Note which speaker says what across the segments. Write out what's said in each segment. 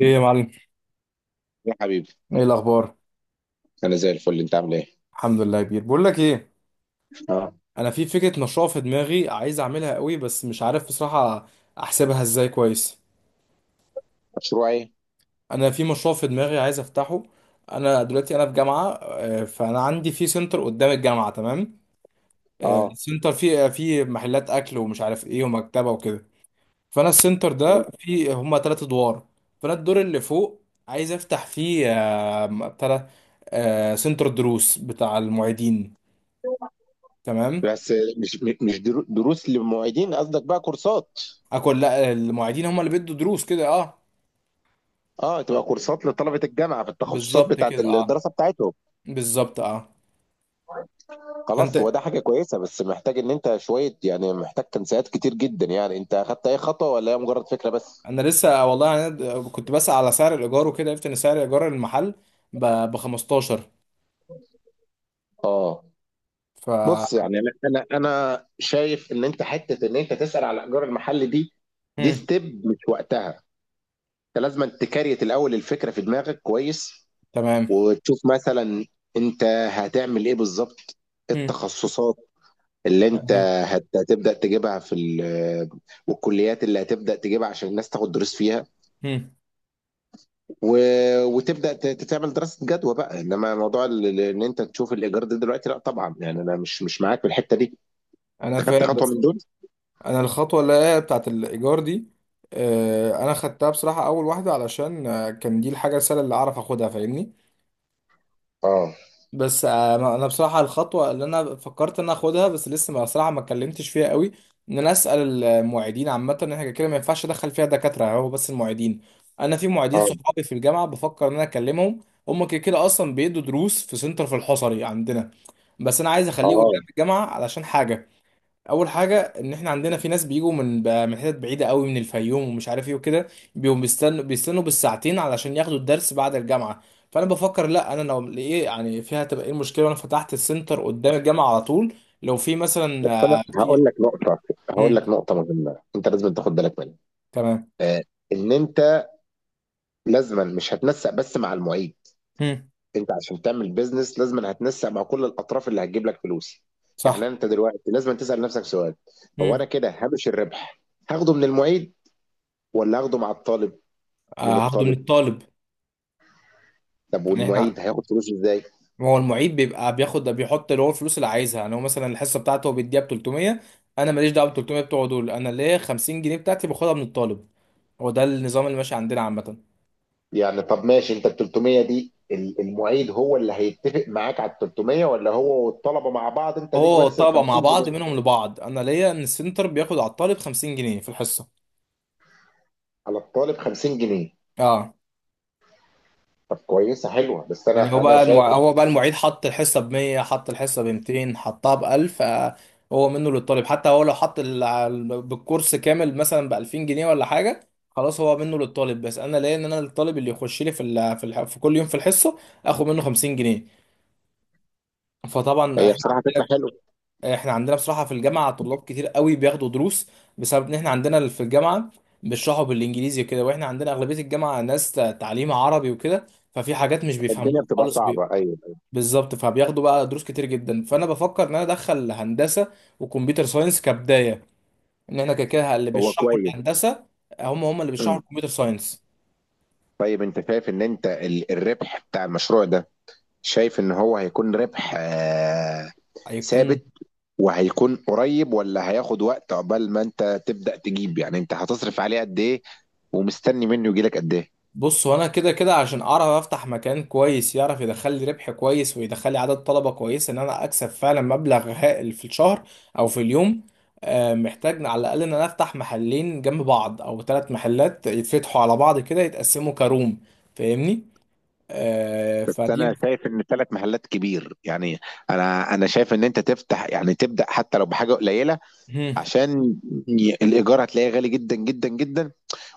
Speaker 1: ايه يا معلم،
Speaker 2: يا حبيبي.
Speaker 1: ايه الاخبار؟
Speaker 2: انا زي الفل، انت عامل ايه؟
Speaker 1: الحمد لله يا كبير. بقول لك ايه،
Speaker 2: اه.
Speaker 1: انا في فكره نشاط في دماغي عايز اعملها قوي بس مش عارف بصراحه احسبها ازاي كويس.
Speaker 2: مشروع ايه؟
Speaker 1: انا في مشروع في دماغي عايز افتحه. انا دلوقتي في جامعه، فانا عندي في سنتر قدام الجامعه. تمام،
Speaker 2: اه،
Speaker 1: السنتر فيه محلات اكل ومش عارف ايه ومكتبه وكده. فانا السنتر ده فيه هما ثلاث ادوار. فانا الدور اللي فوق عايز افتح فيه آه، بتاع ده، آه، سنتر دروس بتاع المعيدين. تمام،
Speaker 2: بس مش دروس للمعيدين، قصدك بقى كورسات؟
Speaker 1: اكل. لا، المعيدين هم اللي بيدوا دروس كده، اه.
Speaker 2: اه، تبقى كورسات لطلبة الجامعة في التخصصات
Speaker 1: بالظبط
Speaker 2: بتاعت
Speaker 1: كده، اه.
Speaker 2: الدراسة بتاعتهم.
Speaker 1: بالظبط، اه. فانت،
Speaker 2: خلاص، هو ده حاجة كويسة. بس محتاج ان انت شوية، يعني محتاج تنسيقات كتير جدا. يعني انت اخدت اي خطوة ولا هي مجرد فكرة بس؟
Speaker 1: انا لسه والله، كنت بسأل على سعر الايجار وكده، عرفت ان سعر ايجار المحل ب 15.
Speaker 2: اه،
Speaker 1: ف
Speaker 2: بص، يعني انا شايف ان انت حتة ان انت تسأل على الايجار المحلي دي، دي
Speaker 1: مم.
Speaker 2: ستيب مش وقتها. انت لازم تكريت الاول الفكرة في دماغك كويس،
Speaker 1: تمام.
Speaker 2: وتشوف مثلا انت هتعمل ايه بالظبط. إيه
Speaker 1: مم.
Speaker 2: التخصصات اللي انت
Speaker 1: تمام.
Speaker 2: هتبدأ تجيبها في والكليات اللي هتبدأ تجيبها عشان الناس تاخد دروس فيها.
Speaker 1: مم.
Speaker 2: و- وتبدأ تعمل دراسة جدوى بقى. انما موضوع ان انت تشوف الايجار ده دلوقتي، لا طبعا، يعني انا مش معاك في الحتة دي.
Speaker 1: انا
Speaker 2: خدت
Speaker 1: فاهم
Speaker 2: خطوة
Speaker 1: بس،
Speaker 2: من دول؟
Speaker 1: انا الخطوه اللي هي بتاعت الايجار دي، انا خدتها بصراحه اول واحده علشان كان دي الحاجه السهله اللي اعرف اخدها، فاهمني.
Speaker 2: اه،
Speaker 1: بس انا بصراحه الخطوه اللي انا فكرت ان أنا اخدها، بس لسه ما اتكلمتش فيها قوي، ان انا اسال المعيدين عامه، ان احنا كده ما ينفعش ادخل فيها دكاتره يعني، هو بس المعيدين. انا في معيدين
Speaker 2: اه،
Speaker 1: صحابي في الجامعه بفكر ان انا اكلمهم. هم كده كده اصلا بيدوا دروس في سنتر في الحصري عندنا، بس انا عايز اخليه
Speaker 2: اه،
Speaker 1: قدام الجامعه علشان حاجه. اول حاجه، ان احنا عندنا في ناس بيجوا من حتت بعيده قوي، من الفيوم ومش عارف ايه وكده، بيقوموا بيستنوا بالساعتين علشان ياخدوا الدرس بعد الجامعه. فانا بفكر، لا، انا لو ايه يعني فيها تبقى ايه المشكله وانا فتحت السنتر قدام الجامعه على طول؟ لو في
Speaker 2: بس
Speaker 1: مثلا،
Speaker 2: انا
Speaker 1: في
Speaker 2: هقول لك
Speaker 1: مم.
Speaker 2: نقطة مهمة انت لازم تاخد بالك منها.
Speaker 1: تمام.
Speaker 2: آه، ان انت لازما مش هتنسق بس مع المعيد.
Speaker 1: مم.
Speaker 2: انت عشان تعمل بيزنس لازم هتنسق مع كل الاطراف اللي هتجيب لك فلوس. يعني
Speaker 1: صح.
Speaker 2: انت دلوقتي لازم تسال نفسك سؤال. هو انا
Speaker 1: مم.
Speaker 2: كده هامش الربح هاخده من المعيد ولا هاخده مع الطالب؟ من
Speaker 1: هاخده من
Speaker 2: الطالب.
Speaker 1: الطالب.
Speaker 2: طب
Speaker 1: يعني احنا،
Speaker 2: والمعيد هياخد فلوسه ازاي؟
Speaker 1: هو المعيد بيبقى بياخد، بيحط اللي هو الفلوس اللي عايزها، يعني هو مثلا الحصه بتاعته هو بيديها ب 300. انا ماليش دعوه ب 300 بتوعه دول، انا ليه 50 جنيه بتاعتي باخدها من الطالب. هو ده النظام اللي ماشي عندنا عامة.
Speaker 2: يعني طب ماشي، انت ال 300 دي المعيد هو اللي هيتفق معاك على ال 300، ولا هو والطلبه مع بعض، انت ليك
Speaker 1: هو
Speaker 2: بس ال
Speaker 1: الطلبة
Speaker 2: 50
Speaker 1: مع
Speaker 2: جنيه
Speaker 1: بعض، منهم لبعض، أنا ليا إن السنتر بياخد على الطالب 50 جنيه في الحصة.
Speaker 2: على الطالب 50 جنيه؟
Speaker 1: أه.
Speaker 2: طب كويسه، حلوه. بس
Speaker 1: يعني هو
Speaker 2: انا
Speaker 1: بقى
Speaker 2: شايف إن...
Speaker 1: هو بقى المعيد حط الحصة ب 100، حط الحصة ب 200، حطها ب 1000، هو منه للطالب. حتى هو لو حط بالكورس كامل مثلا ب 2000 جنيه ولا حاجة، خلاص، هو منه للطالب. بس أنا ليا إن أنا الطالب اللي يخش لي في كل يوم في الحصة، آخد منه 50 جنيه. فطبعا
Speaker 2: هي
Speaker 1: إحنا
Speaker 2: بصراحه فكره
Speaker 1: عندنا،
Speaker 2: حلوه.
Speaker 1: احنا عندنا بصراحة في الجامعة طلاب كتير قوي بياخدوا دروس، بسبب ان احنا عندنا في الجامعة بيشرحوا بالانجليزي وكده، واحنا عندنا اغلبية الجامعة ناس تعليم عربي وكده، ففي حاجات مش بيفهموها
Speaker 2: الدنيا بتبقى
Speaker 1: خالص.
Speaker 2: صعبه، ايوه.
Speaker 1: بالظبط، فبياخدوا بقى دروس كتير جدا. فانا بفكر ان انا ادخل هندسة وكمبيوتر ساينس كبداية، ان احنا كده كده اللي
Speaker 2: هو
Speaker 1: بيشرحوا
Speaker 2: كويس.
Speaker 1: الهندسة هم هم اللي بيشرحوا الكمبيوتر ساينس.
Speaker 2: طيب، انت شايف ان انت الربح بتاع المشروع ده، شايف ان هو هيكون ربح
Speaker 1: هيكون.
Speaker 2: ثابت؟ وهيكون قريب ولا هياخد وقت عقبال ما انت تبدأ تجيب؟ يعني انت هتصرف عليه قد ايه ومستني منه يجيلك قد ايه؟
Speaker 1: بص، هو انا كده كده عشان اعرف افتح مكان كويس يعرف يدخل لي ربح كويس، ويدخل لي عدد طلبه كويس، ان انا اكسب فعلا مبلغ هائل في الشهر او في اليوم، محتاج على الاقل ان انا افتح محلين جنب بعض او ثلاث محلات يتفتحوا على بعض كده، يتقسموا كروم، فاهمني؟
Speaker 2: بس
Speaker 1: فدي.
Speaker 2: انا شايف ان ثلاث محلات كبير يعني. انا شايف ان انت تفتح، يعني تبدأ حتى لو بحاجة قليلة.
Speaker 1: مم.
Speaker 2: عشان الايجار هتلاقيه غالي جدا جدا جدا.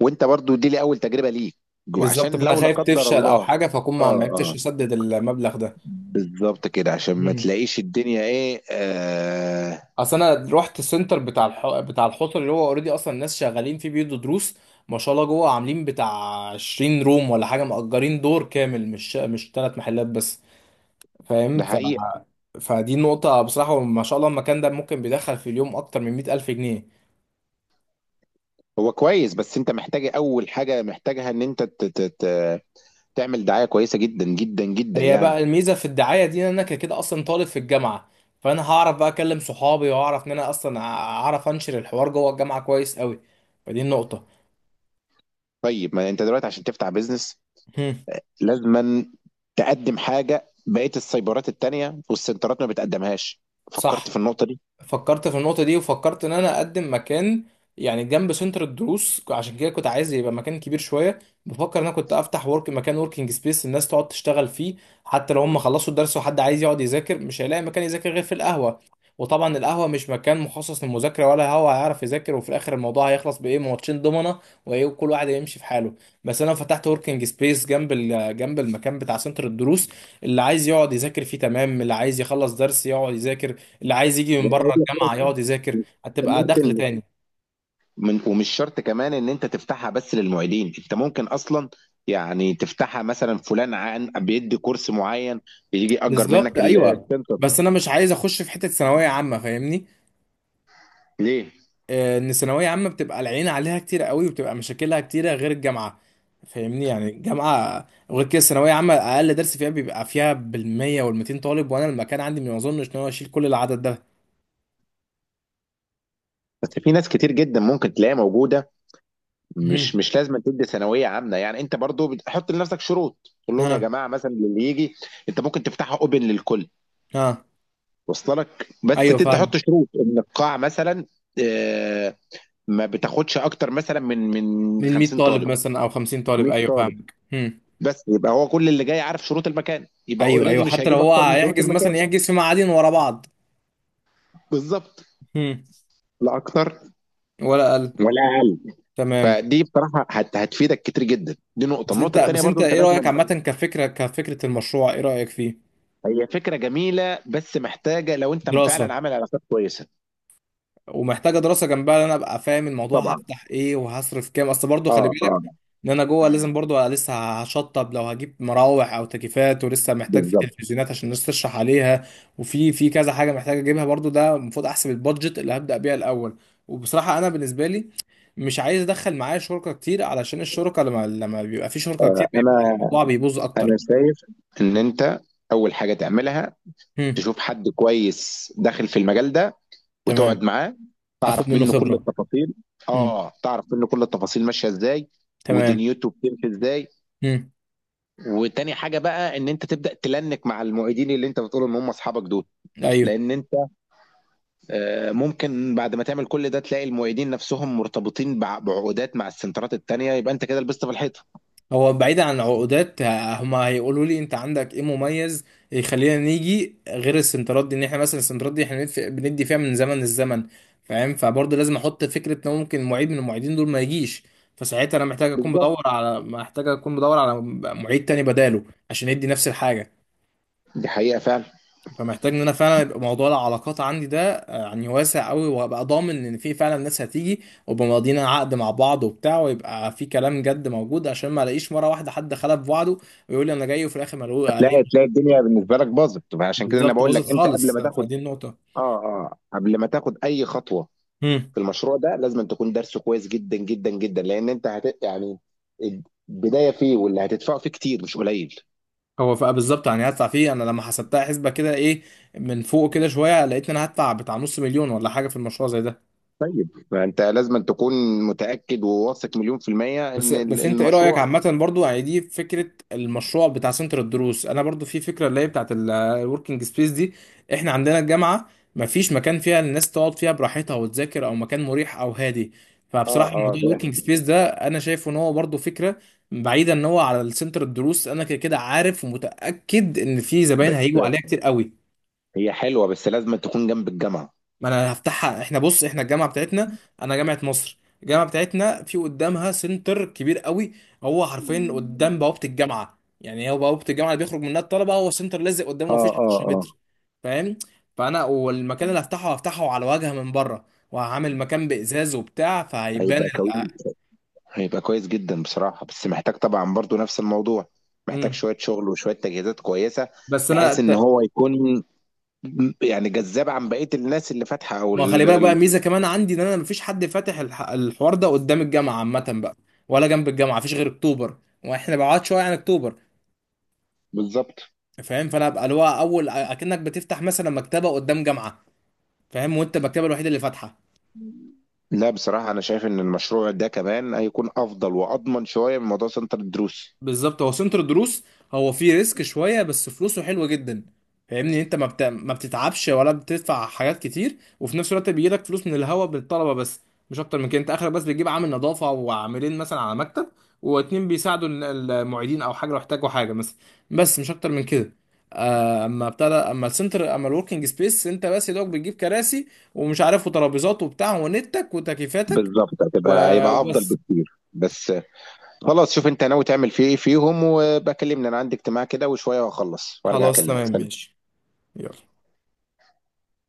Speaker 2: وانت برضو دي لي اول تجربة ليك.
Speaker 1: بالظبط،
Speaker 2: وعشان
Speaker 1: فانا
Speaker 2: لو لا
Speaker 1: خايف
Speaker 2: قدر
Speaker 1: تفشل او
Speaker 2: الله...
Speaker 1: حاجه فاكون
Speaker 2: اه،
Speaker 1: ما عرفتش
Speaker 2: آه.
Speaker 1: اسدد المبلغ ده.
Speaker 2: بالظبط كده، عشان ما
Speaker 1: مم.
Speaker 2: تلاقيش الدنيا ايه، آه.
Speaker 1: اصل انا رحت السنتر بتاع بتاع الحوض، اللي هو اوريدي اصلا الناس شغالين فيه بيدوا دروس، ما شاء الله، جوه عاملين بتاع 20 روم ولا حاجه، مأجرين دور كامل، مش ثلاث محلات بس، فاهم؟
Speaker 2: ده حقيقة.
Speaker 1: فدي نقطه بصراحه. ما شاء الله المكان ده ممكن بيدخل في اليوم اكتر من 100 الف جنيه.
Speaker 2: هو كويس. بس انت محتاج اول حاجة محتاجها ان انت ت ت ت تعمل دعاية كويسة جدا جدا جدا
Speaker 1: هي
Speaker 2: يعني.
Speaker 1: بقى الميزه في الدعايه دي، ان انا كده كده اصلا طالب في الجامعه، فانا هعرف بقى اكلم صحابي، واعرف ان انا اصلا اعرف انشر الحوار جوه الجامعه كويس قوي، فدي النقطه.
Speaker 2: طيب، ما انت دلوقتي عشان تفتح بيزنس
Speaker 1: هم،
Speaker 2: لازما تقدم حاجة بقية السايبرات التانية والسنترات ما بتقدمهاش. فكرت
Speaker 1: صح.
Speaker 2: في النقطة دي؟
Speaker 1: فكرت في النقطة دي، وفكرت إن أنا أقدم مكان يعني جنب سنتر الدروس، عشان كده كنت عايز يبقى مكان كبير شوية. بفكر إن أنا كنت أفتح ورك مكان، وركينج سبيس، الناس تقعد تشتغل فيه، حتى لو هم خلصوا الدرس وحد عايز يقعد يذاكر، مش هيلاقي مكان يذاكر غير في القهوة، وطبعا القهوة مش مكان مخصص للمذاكرة، ولا هو هيعرف يذاكر، وفي الآخر الموضوع هيخلص بإيه؟ ماتشين دومنا وإيه، وكل واحد هيمشي في حاله. بس أنا فتحت وركينج سبيس جنب جنب المكان بتاع سنتر الدروس، اللي عايز يقعد يذاكر فيه تمام، اللي عايز يخلص درس يقعد يذاكر، اللي عايز يجي من بره
Speaker 2: ولا
Speaker 1: الجامعه يقعد يذاكر، هتبقى دخل
Speaker 2: ممكن،
Speaker 1: تاني.
Speaker 2: من ومش شرط كمان ان انت تفتحها بس للمعيدين، انت ممكن اصلا. يعني تفتحها مثلا فلان عن بيدي كورس معين يجي يأجر
Speaker 1: بالظبط،
Speaker 2: منك
Speaker 1: ايوه،
Speaker 2: السنتر.
Speaker 1: بس انا مش عايز اخش في حته ثانويه عامه، فاهمني؟
Speaker 2: ليه؟
Speaker 1: ان ثانويه عامه بتبقى العين عليها كتير قوي، وبتبقى مشاكلها كتيره غير الجامعه، فاهمني؟ يعني الجامعه، وغير كده الثانويه عامه اقل درس فيها بيبقى فيها بالمية والميتين طالب، وانا المكان عندي ما اظنش ان هو يشيل كل العدد ده.
Speaker 2: بس في ناس كتير جدا ممكن تلاقيها موجوده. مش
Speaker 1: مهم.
Speaker 2: مش لازم تدي ثانويه عامه، يعني انت برضو بتحط لنفسك شروط. تقول لهم يا
Speaker 1: ها.
Speaker 2: جماعه مثلا اللي يجي. انت ممكن تفتحها اوبن للكل.
Speaker 1: ها.
Speaker 2: وصل لك بس
Speaker 1: ايوه،
Speaker 2: تحط
Speaker 1: فاهم.
Speaker 2: شروط ان القاع مثلا. آه، ما بتاخدش اكتر مثلا من
Speaker 1: من 100
Speaker 2: 50
Speaker 1: طالب
Speaker 2: طالب.
Speaker 1: مثلا او 50 طالب،
Speaker 2: 100
Speaker 1: ايوه،
Speaker 2: طالب.
Speaker 1: فاهمك.
Speaker 2: بس يبقى هو كل اللي جاي عارف شروط المكان، يبقى
Speaker 1: ايوه
Speaker 2: اوريدي
Speaker 1: ايوه،
Speaker 2: مش
Speaker 1: حتى لو
Speaker 2: هيجيب
Speaker 1: هو
Speaker 2: اكتر من شروط
Speaker 1: هيحجز مثلا،
Speaker 2: المكان.
Speaker 1: يحجز في معادين ورا بعض،
Speaker 2: بالظبط. لا اكتر.
Speaker 1: ولا اقل.
Speaker 2: ولا اقل.
Speaker 1: تمام.
Speaker 2: فدي بصراحه هتفيدك كتير جدا. دي نقطه،
Speaker 1: بس انت
Speaker 2: النقطه الثانيه
Speaker 1: بس
Speaker 2: برضو
Speaker 1: انت
Speaker 2: انت
Speaker 1: ايه
Speaker 2: لازم.
Speaker 1: رايك عامه؟ كفكره المشروع، ايه رايك فيه؟
Speaker 2: هي فكره جميله بس محتاجه لو انت
Speaker 1: دراسه.
Speaker 2: فعلا عامل علاقات كويسه.
Speaker 1: ومحتاجه دراسه جنبها، ان انا ابقى فاهم الموضوع،
Speaker 2: طبعا.
Speaker 1: هفتح ايه وهصرف كام، اصل برضو خلي
Speaker 2: اه، اه،
Speaker 1: بالك ان انا جوه لازم برضو أبقى لسه هشطب، لو هجيب مراوح او تكييفات، ولسه محتاج في
Speaker 2: بالظبط.
Speaker 1: تلفزيونات عشان الناس تشرح عليها، وفي في كذا حاجه محتاج اجيبها برضو، ده المفروض احسب البادجت اللي هبدا بيها الاول. وبصراحه انا بالنسبه لي، مش عايز ادخل معايا شركه كتير، علشان الشركه لما بيبقى في شركه كتير بيبقى
Speaker 2: انا
Speaker 1: الموضوع بيبوظ
Speaker 2: انا
Speaker 1: اكتر.
Speaker 2: شايف ان انت اول حاجه تعملها،
Speaker 1: هم.
Speaker 2: تشوف حد كويس داخل في المجال ده. وتقعد
Speaker 1: تمام.
Speaker 2: معاه،
Speaker 1: اخد
Speaker 2: تعرف
Speaker 1: منه
Speaker 2: منه كل
Speaker 1: خبرة.
Speaker 2: التفاصيل.
Speaker 1: امم
Speaker 2: اه، تعرف منه كل التفاصيل ماشيه ازاي.
Speaker 1: تمام.
Speaker 2: ودنيته بتمشي ازاي.
Speaker 1: امم
Speaker 2: وتاني حاجه بقى، ان انت تبدا تلنك مع المعيدين اللي انت بتقول ان هم اصحابك دول.
Speaker 1: ايوه.
Speaker 2: لان انت ممكن بعد ما تعمل كل ده تلاقي المعيدين نفسهم مرتبطين بعقودات مع السنترات التانيه، يبقى انت كده لبست في الحيطه.
Speaker 1: هو بعيدا عن العقودات، هما هيقولوا لي انت عندك ايه مميز يخلينا نيجي غير السنترات دي، ان احنا مثلا السنترات دي احنا بندي فيها من زمن للزمن، فاهم؟ فبرضه لازم احط فكرة ان ممكن معيد من المعيدين دول ما يجيش، فساعتها انا محتاج اكون
Speaker 2: بالظبط.
Speaker 1: بدور على، محتاج اكون بدور على معيد تاني بداله عشان يدي نفس الحاجة.
Speaker 2: دي حقيقه فعلا.
Speaker 1: فمحتاج ان انا فعلا يبقى موضوع العلاقات عندي ده يعني واسع قوي، وابقى ضامن ان في فعلا ناس هتيجي، وابقى ماضيين عقد مع بعض وبتاع، ويبقى في كلام جد موجود، عشان ما الاقيش مره واحده حد خلف وعده، ويقول لي انا جاي وفي الاخر ما الاقوه عليه.
Speaker 2: تلاقي الدنيا بالنسبه لك باظت. عشان كده انا
Speaker 1: بالظبط،
Speaker 2: بقول لك
Speaker 1: باظت
Speaker 2: انت قبل
Speaker 1: خالص،
Speaker 2: ما تاخد...
Speaker 1: فدي النقطه.
Speaker 2: اه، اه، قبل ما تاخد اي خطوه
Speaker 1: امم
Speaker 2: في المشروع ده لازم أن تكون درسه كويس جدا جدا جدا. لان انت يعني البدايه فيه واللي هتدفعه فيه كتير مش قليل.
Speaker 1: هو فبقى بالظبط يعني، هدفع فيه انا لما حسبتها حسبه كده ايه، من فوق كده شويه، لقيت ان انا هدفع بتاع نص مليون ولا حاجه في المشروع زي ده.
Speaker 2: طيب، فانت لازم أن تكون متاكد وواثق مليون في الميه
Speaker 1: بس
Speaker 2: ان
Speaker 1: بس انت ايه رأيك
Speaker 2: المشروع.
Speaker 1: عامة برضو؟ يعني دي فكرة المشروع بتاع سنتر الدروس، انا برضو في فكرة اللي هي بتاعت الوركينج سبيس دي. احنا عندنا الجامعة مفيش مكان فيها الناس تقعد فيها براحتها وتذاكر، او مكان مريح او هادي.
Speaker 2: اه،
Speaker 1: فبصراحة
Speaker 2: اه،
Speaker 1: موضوع
Speaker 2: فاهم.
Speaker 1: الوركينج سبيس ده انا شايف ان هو برضو فكرة، بعيدا ان هو على السنتر الدروس انا كده كده عارف ومتأكد ان في زباين
Speaker 2: بس
Speaker 1: هيجوا عليها كتير قوي.
Speaker 2: هي حلوه، بس لازم أن تكون جنب الجامعه.
Speaker 1: ما انا هفتحها، احنا بص، احنا الجامعه بتاعتنا، انا جامعه مصر، الجامعه بتاعتنا في قدامها سنتر كبير قوي، هو حرفيا قدام بوابه الجامعه، يعني هو بوابه الجامعه اللي بيخرج منها الطلبه هو سنتر لازق قدامه،
Speaker 2: اه،
Speaker 1: مفيش
Speaker 2: اه،
Speaker 1: 10
Speaker 2: اه،
Speaker 1: متر، فاهم؟ فانا، والمكان اللي هفتحه هفتحه على واجهه من بره، وهعمل مكان بازاز وبتاع، فهيبان
Speaker 2: هيبقى كويس هيبقى كويس جدا بصراحة. بس محتاج طبعا برضو نفس الموضوع، محتاج
Speaker 1: مم.
Speaker 2: شوية شغل وشوية تجهيزات كويسة.
Speaker 1: بس انا
Speaker 2: بحيث ان
Speaker 1: ت-
Speaker 2: هو يكون يعني جذاب عن بقية الناس اللي فاتحة او
Speaker 1: ما خلي بالك بقى ميزه كمان عندي، ان انا مفيش حد فاتح الحوار ده قدام الجامعه عامه بقى، ولا جنب الجامعه مفيش غير اكتوبر، واحنا بعاد شويه عن اكتوبر،
Speaker 2: بالظبط.
Speaker 1: فاهم؟ فانا ابقى اللي هو، اول اكنك بتفتح مثلا مكتبه قدام جامعه، فاهم؟ وانت المكتبه الوحيده اللي فاتحه.
Speaker 2: لا، بصراحة أنا شايف إن المشروع ده كمان هيكون أفضل وأضمن شوية من موضوع سنتر الدروس.
Speaker 1: بالظبط، هو سنتر دروس، هو فيه ريسك شويه بس فلوسه حلوه جدا، فاهمني؟ انت ما بتتعبش ولا بتدفع حاجات كتير، وفي نفس الوقت بيجيلك فلوس من الهوا بالطلبه بس، مش اكتر من كده. انت اخرك بس بتجيب عامل نظافه، وعاملين مثلا على مكتب، واتنين بيساعدوا المعيدين او حاجه، لو احتاجوا حاجه مثلا، بس مش اكتر من كده. اما ابتدى، اما السنتر، اما الوركينج سبيس، انت بس يا دوب بتجيب كراسي ومش عارف وترابيزات وبتاع، ونتك وتكييفاتك،
Speaker 2: بالظبط. هيبقى أفضل
Speaker 1: وبس.
Speaker 2: بكتير. بس. خلاص، شوف أنت ناوي تعمل فيه إيه فيهم وبكلمني. أنا عندي اجتماع كده وشوية وأخلص وأرجع
Speaker 1: خلاص
Speaker 2: أكلمك.
Speaker 1: تمام، ماشي. يلا.